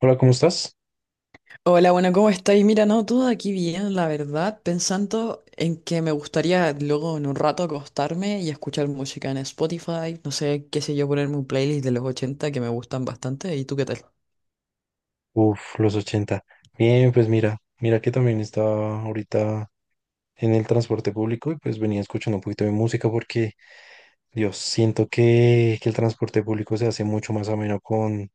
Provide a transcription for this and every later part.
Hola, ¿cómo estás? Hola, bueno, ¿cómo estáis? Mira, no, todo aquí bien, la verdad, pensando en que me gustaría luego en un rato acostarme y escuchar música en Spotify, no sé, qué sé yo, ponerme un playlist de los 80 que me gustan bastante. ¿Y tú qué tal? Uf, los 80. Bien, pues mira que también estaba ahorita en el transporte público y pues venía escuchando un poquito de música porque, Dios, siento que el transporte público se hace mucho más ameno con,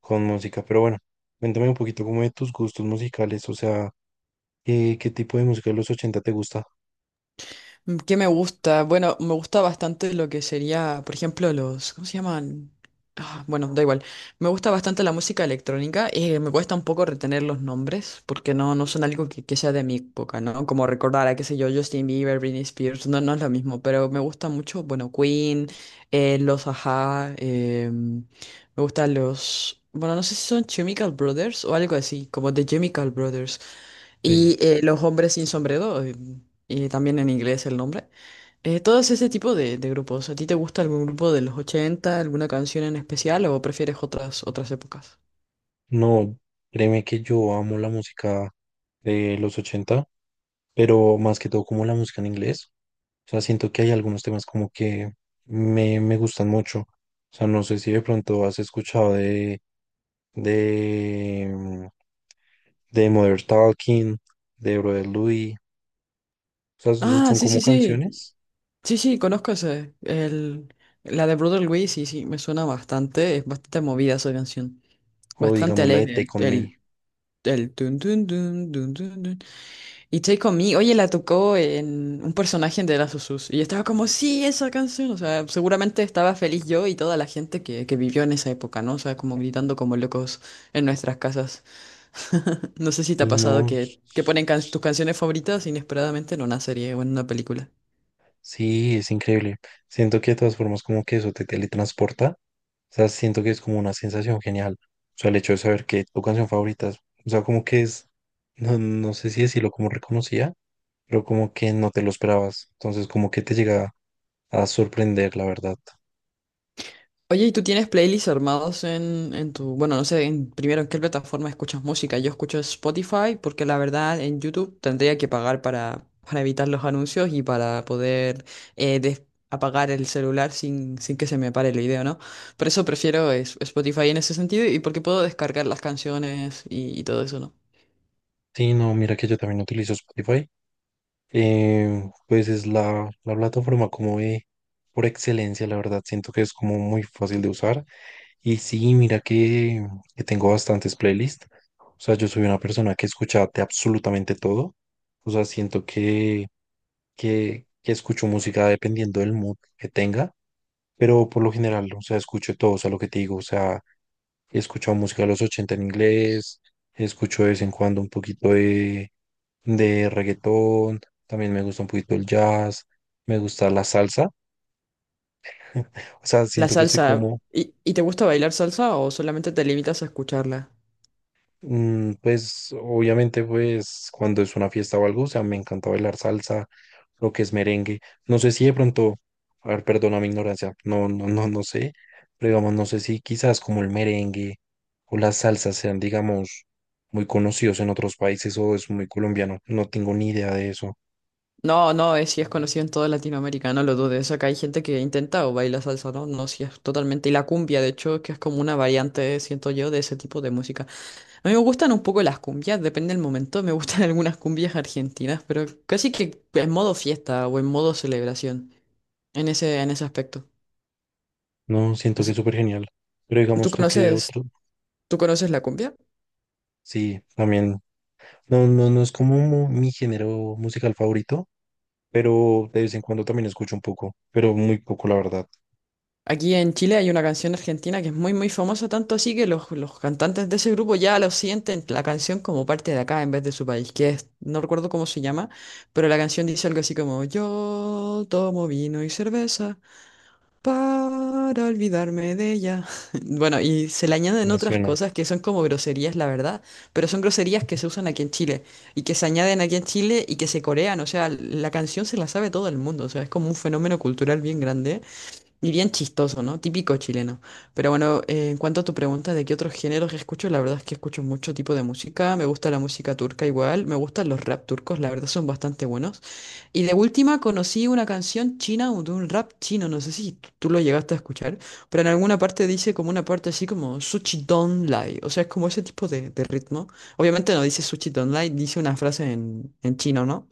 con música. Pero bueno, cuéntame un poquito como de tus gustos musicales, o sea, ¿qué tipo de música de los ochenta te gusta? ¿Qué me gusta? Bueno, me gusta bastante lo que sería, por ejemplo, ¿cómo se llaman? Ah, bueno, da igual. Me gusta bastante la música electrónica. Me cuesta un poco retener los nombres porque no son algo que sea de mi época, ¿no? Como recordar a, qué sé yo, Justin Bieber, Britney Spears. No es lo mismo, pero me gusta mucho, bueno, Queen, eh, los Ajá, em, me gustan bueno, no sé si son Chemical Brothers o algo así, como The Chemical Brothers Sí, y Los hombres sin sombrero, y también en inglés el nombre. Todos ese tipo de grupos. ¿A ti te gusta algún grupo de los 80 alguna canción en especial o prefieres otras épocas? no, créeme que yo amo la música de los ochenta, pero más que todo como la música en inglés. O sea, siento que hay algunos temas como que me gustan mucho. O sea, no sé si de pronto has escuchado de, mm, de Mother Talking, de Brother Louis. O sea, son Ah, son sí, como sí, sí. canciones. Sí, sí, conozco ese. La de Brother Luis, sí, sí, me suena bastante. Es bastante movida esa canción. O Bastante digamos la de alegre. Take On Me. El Tun, tun, tun, tun, tun, tun. Y Take On Me, oye, la tocó en un personaje de Last of Us. Y estaba como, sí, esa canción. O sea, seguramente estaba feliz yo y toda la gente que vivió en esa época, ¿no? O sea, como gritando como locos en nuestras casas. No sé si te ha Y pasado no, que ponen tus canciones favoritas inesperadamente en una serie o en una película. sí, es increíble. Siento que de todas formas como que eso te teletransporta. O sea, siento que es como una sensación genial. O sea, el hecho de saber que tu canción favorita, o sea, como que es, no, no sé si decirlo como reconocía, pero como que no te lo esperabas. Entonces, como que te llega a sorprender, la verdad. Oye, ¿y tú tienes playlists armados en tu, bueno, no sé, primero en qué plataforma escuchas música? Yo escucho Spotify porque la verdad en YouTube tendría que pagar para evitar los anuncios y para poder eh, des- apagar el celular sin que se me pare el video, ¿no? Por eso prefiero Spotify en ese sentido y porque puedo descargar las canciones y todo eso, ¿no? Sí, no, mira que yo también utilizo Spotify. Pues es la plataforma como de, por excelencia, la verdad. Siento que es como muy fácil de usar. Y sí, mira que tengo bastantes playlists. O sea, yo soy una persona que escucha de absolutamente todo. O sea, siento que que escucho música dependiendo del mood que tenga, pero por lo general, o sea, escucho todo, o sea, lo que te digo, o sea, he escuchado música de los 80 en inglés, escucho de vez en cuando un poquito de reggaetón, también me gusta un poquito el jazz, me gusta la salsa, o sea, La siento que soy salsa, como. Y te gusta bailar salsa o solamente te limitas a escucharla? Pues obviamente pues cuando es una fiesta o algo, o sea, me encanta bailar salsa, lo que es merengue. No sé si de pronto, a ver, perdona mi ignorancia, no, no, no, no sé, pero digamos, no sé si quizás como el merengue o las salsas sean, digamos, muy conocidos en otros países o es muy colombiano. No tengo ni idea de eso. No, no, sí es conocido en toda Latinoamérica, no lo dudes. Acá hay gente que intenta o baila salsa, no, no, sí es totalmente. Y la cumbia, de hecho, que es como una variante, siento yo, de ese tipo de música. A mí me gustan un poco las cumbias, depende del momento. Me gustan algunas cumbias argentinas, pero casi que en modo fiesta o en modo celebración, en ese aspecto. No, siento que Es- es súper genial. Pero ¿Tú digamos tú que conoces, otro, tú conoces la cumbia? sí, también, no, no, no es como mi género musical favorito, pero de vez en cuando también escucho un poco, pero muy poco, la verdad, Aquí en Chile hay una canción argentina que es muy, muy famosa, tanto así que los cantantes de ese grupo ya lo sienten la canción como parte de acá en vez de su país, que es, no recuerdo cómo se llama, pero la canción dice algo así como, yo tomo vino y cerveza para olvidarme de ella. Bueno, y se le añaden me otras suena. cosas que son como groserías, la verdad, pero son groserías que se usan aquí en Chile y que se añaden aquí en Chile y que se corean, o sea, la canción se la sabe todo el mundo, o sea, es como un fenómeno cultural bien grande. Y bien chistoso, ¿no? Típico chileno. Pero bueno, en cuanto a tu pregunta de qué otros géneros escucho, la verdad es que escucho mucho tipo de música. Me gusta la música turca igual, me gustan los rap turcos, la verdad son bastante buenos. Y de última conocí una canción china o de un rap chino, no sé si tú lo llegaste a escuchar, pero en alguna parte dice como una parte así como Suchi Don Lai, o sea, es como ese tipo de ritmo. Obviamente no dice Suchi Don Lai, dice una frase en chino, ¿no?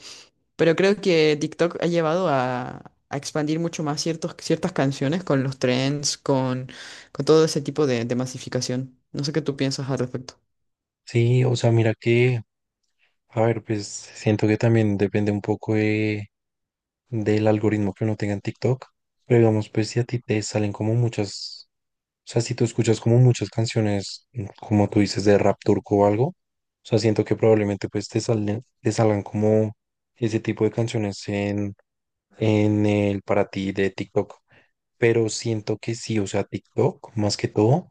Pero creo que TikTok ha llevado a expandir mucho más ciertas canciones con los trends, con todo ese tipo de masificación. No sé qué tú piensas al respecto. Sí, o sea, mira que, a ver, pues siento que también depende un poco del algoritmo que uno tenga en TikTok, pero digamos, pues si a ti te salen como muchas, o sea, si tú escuchas como muchas canciones, como tú dices, de rap turco o algo, o sea, siento que probablemente pues te salgan como ese tipo de canciones en el para ti de TikTok. Pero siento que sí, o sea, TikTok más que todo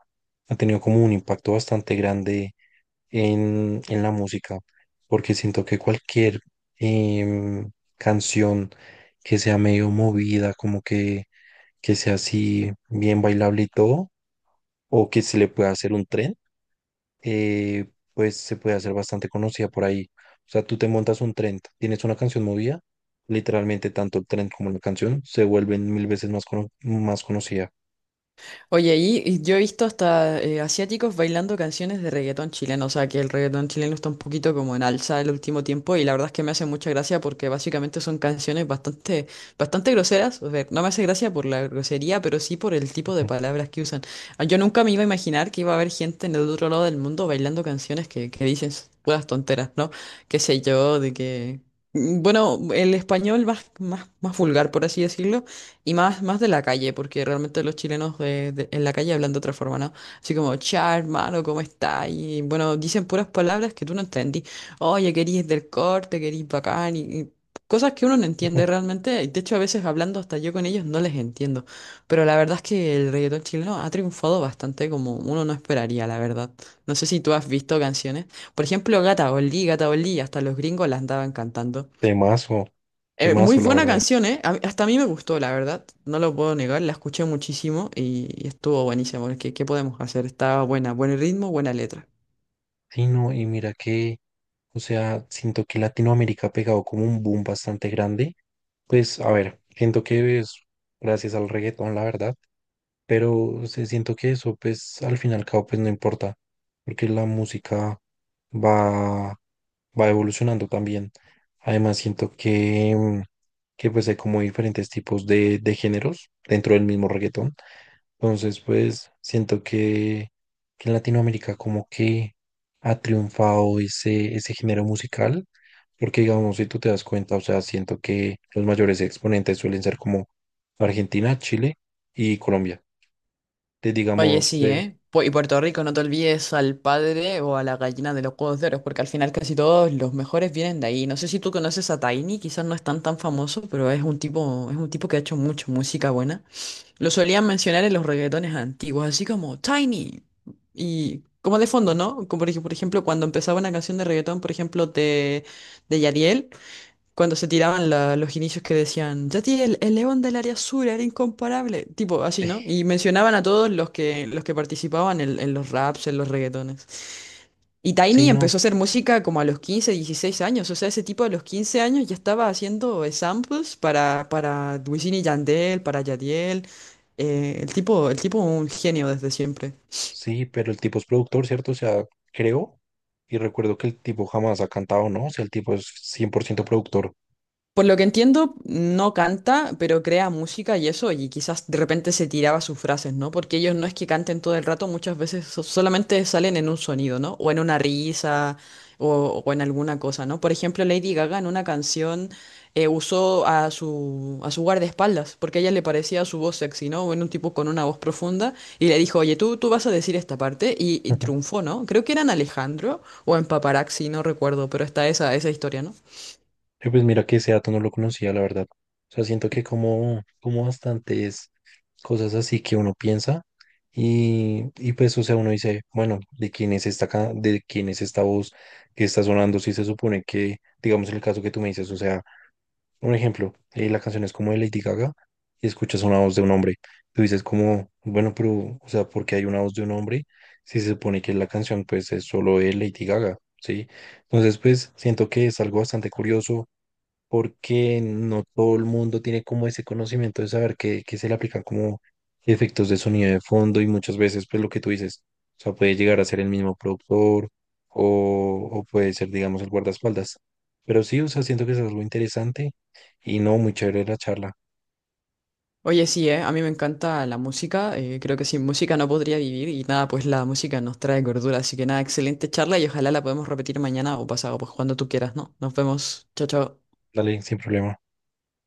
ha tenido como un impacto bastante grande en la música, porque siento que cualquier em, canción que sea medio movida, como que sea así bien bailable y todo, o que se le pueda hacer un tren, pues se puede hacer bastante conocida por ahí. O sea, tú te montas un tren, tienes una canción movida, literalmente tanto el tren como la canción se vuelven mil veces más, más conocida. Oye, ahí y yo he visto hasta asiáticos bailando canciones de reggaetón chileno, o sea que el reggaetón chileno está un poquito como en alza el último tiempo y la verdad es que me hace mucha gracia porque básicamente son canciones bastante, bastante groseras, o sea, no me hace gracia por la grosería, pero sí por el tipo de palabras que usan. Ah, yo nunca me iba a imaginar que iba a haber gente en el otro lado del mundo bailando canciones que dicen puras tonteras, ¿no? Qué sé yo, de que. Bueno, el español más, más, más vulgar, por así decirlo. Y más, más de la calle, porque realmente los chilenos en la calle hablan de otra forma, ¿no? Así como, cha, hermano, ¿cómo está? Y bueno, dicen puras palabras que tú no entendí. Oye, querís del corte, querís bacán, y cosas que uno no entiende realmente. De hecho, a veces hablando hasta yo con ellos no les entiendo. Pero la verdad es que el reggaetón chileno ha triunfado bastante como uno no esperaría, la verdad. No sé si tú has visto canciones. Por ejemplo, Gata Oli, Gata Oli, hasta los gringos la andaban cantando. Temazo, Muy temazo, la buena verdad. canción, ¿eh? Hasta a mí me gustó, la verdad. No lo puedo negar, la escuché muchísimo y estuvo buenísimo. Qué podemos hacer? Estaba buena, buen ritmo, buena letra. Sí, no, y mira que, o sea, siento que Latinoamérica ha pegado como un boom bastante grande. Pues, a ver, siento que es gracias al reggaetón, la verdad, pero o sea, siento que eso, pues, al fin y al cabo, pues, no importa, porque la música va, va evolucionando también. Además, siento que, que pues, hay como diferentes tipos de géneros dentro del mismo reggaetón. Entonces, pues siento que en Latinoamérica como que ha triunfado ese género musical, porque digamos, si tú te das cuenta, o sea, siento que los mayores exponentes suelen ser como Argentina, Chile y Colombia. Te Oye, digamos, sí, pues, ¿eh? Y Puerto Rico, no te olvides al padre o a la gallina de los huevos de oro, porque al final casi todos los mejores vienen de ahí. No sé si tú conoces a Tiny, quizás no es tan tan famoso, pero es un tipo que ha hecho mucho música buena. Lo solían mencionar en los reggaetones antiguos, así como Tiny. Y como de fondo, ¿no? Como por por ejemplo, cuando empezaba una canción de reggaetón, por ejemplo, de Yadiel, cuando se tiraban los inicios que decían, Yadiel, el león del área azul era incomparable. Tipo así, ¿no? Y mencionaban a todos los que participaban en los raps, en los reggaetones. Y sí, Tiny no, empezó a hacer música como a los 15, 16 años. O sea, ese tipo a los 15 años ya estaba haciendo samples para Wisin y Yandel, para Yadiel. El tipo un genio desde siempre. sí, pero el tipo es productor, ¿cierto? O sea, creo y recuerdo que el tipo jamás ha cantado, ¿no? O sea, el tipo es 100% productor. Por lo que entiendo, no canta, pero crea música y eso, y quizás de repente se tiraba sus frases, ¿no? Porque ellos no es que canten todo el rato, muchas veces solamente salen en un sonido, ¿no? O en una risa, o en alguna cosa, ¿no? Por ejemplo, Lady Gaga en una canción usó a su guardaespaldas, porque a ella le parecía su voz sexy, ¿no? En un tipo con una voz profunda, y le dijo, oye, tú vas a decir esta parte, y triunfó, ¿no? Creo que era en Alejandro o en Paparazzi, no recuerdo, pero está esa historia, ¿no? Pues mira que ese dato no lo conocía, la verdad. O sea, siento que como, bastantes cosas así que uno piensa y pues, o sea, uno dice, bueno, ¿de quién es esta, de quién es esta voz que está sonando? Si se supone que, digamos, el caso que tú me dices, o sea, un ejemplo, la canción es como de Lady Gaga y escuchas una voz de un hombre. Tú dices como, bueno, pero, o sea, ¿por qué hay una voz de un hombre si se supone que la canción pues es solo de Lady Gaga? ¿Sí? Entonces, pues, siento que es algo bastante curioso porque no todo el mundo tiene como ese conocimiento de saber que se le aplican como efectos de sonido de fondo y muchas veces pues lo que tú dices, o sea, puede llegar a ser el mismo productor o puede ser, digamos, el guardaespaldas. Pero sí, o sea, siento que es algo interesante y no, muy chévere la charla. Oye, sí, a mí me encanta la música, creo que sin música no podría vivir y nada, pues la música nos trae gordura, así que nada, excelente charla y ojalá la podemos repetir mañana o pasado, pues cuando tú quieras, ¿no? Nos vemos, chao, chao. Dale, sin problema.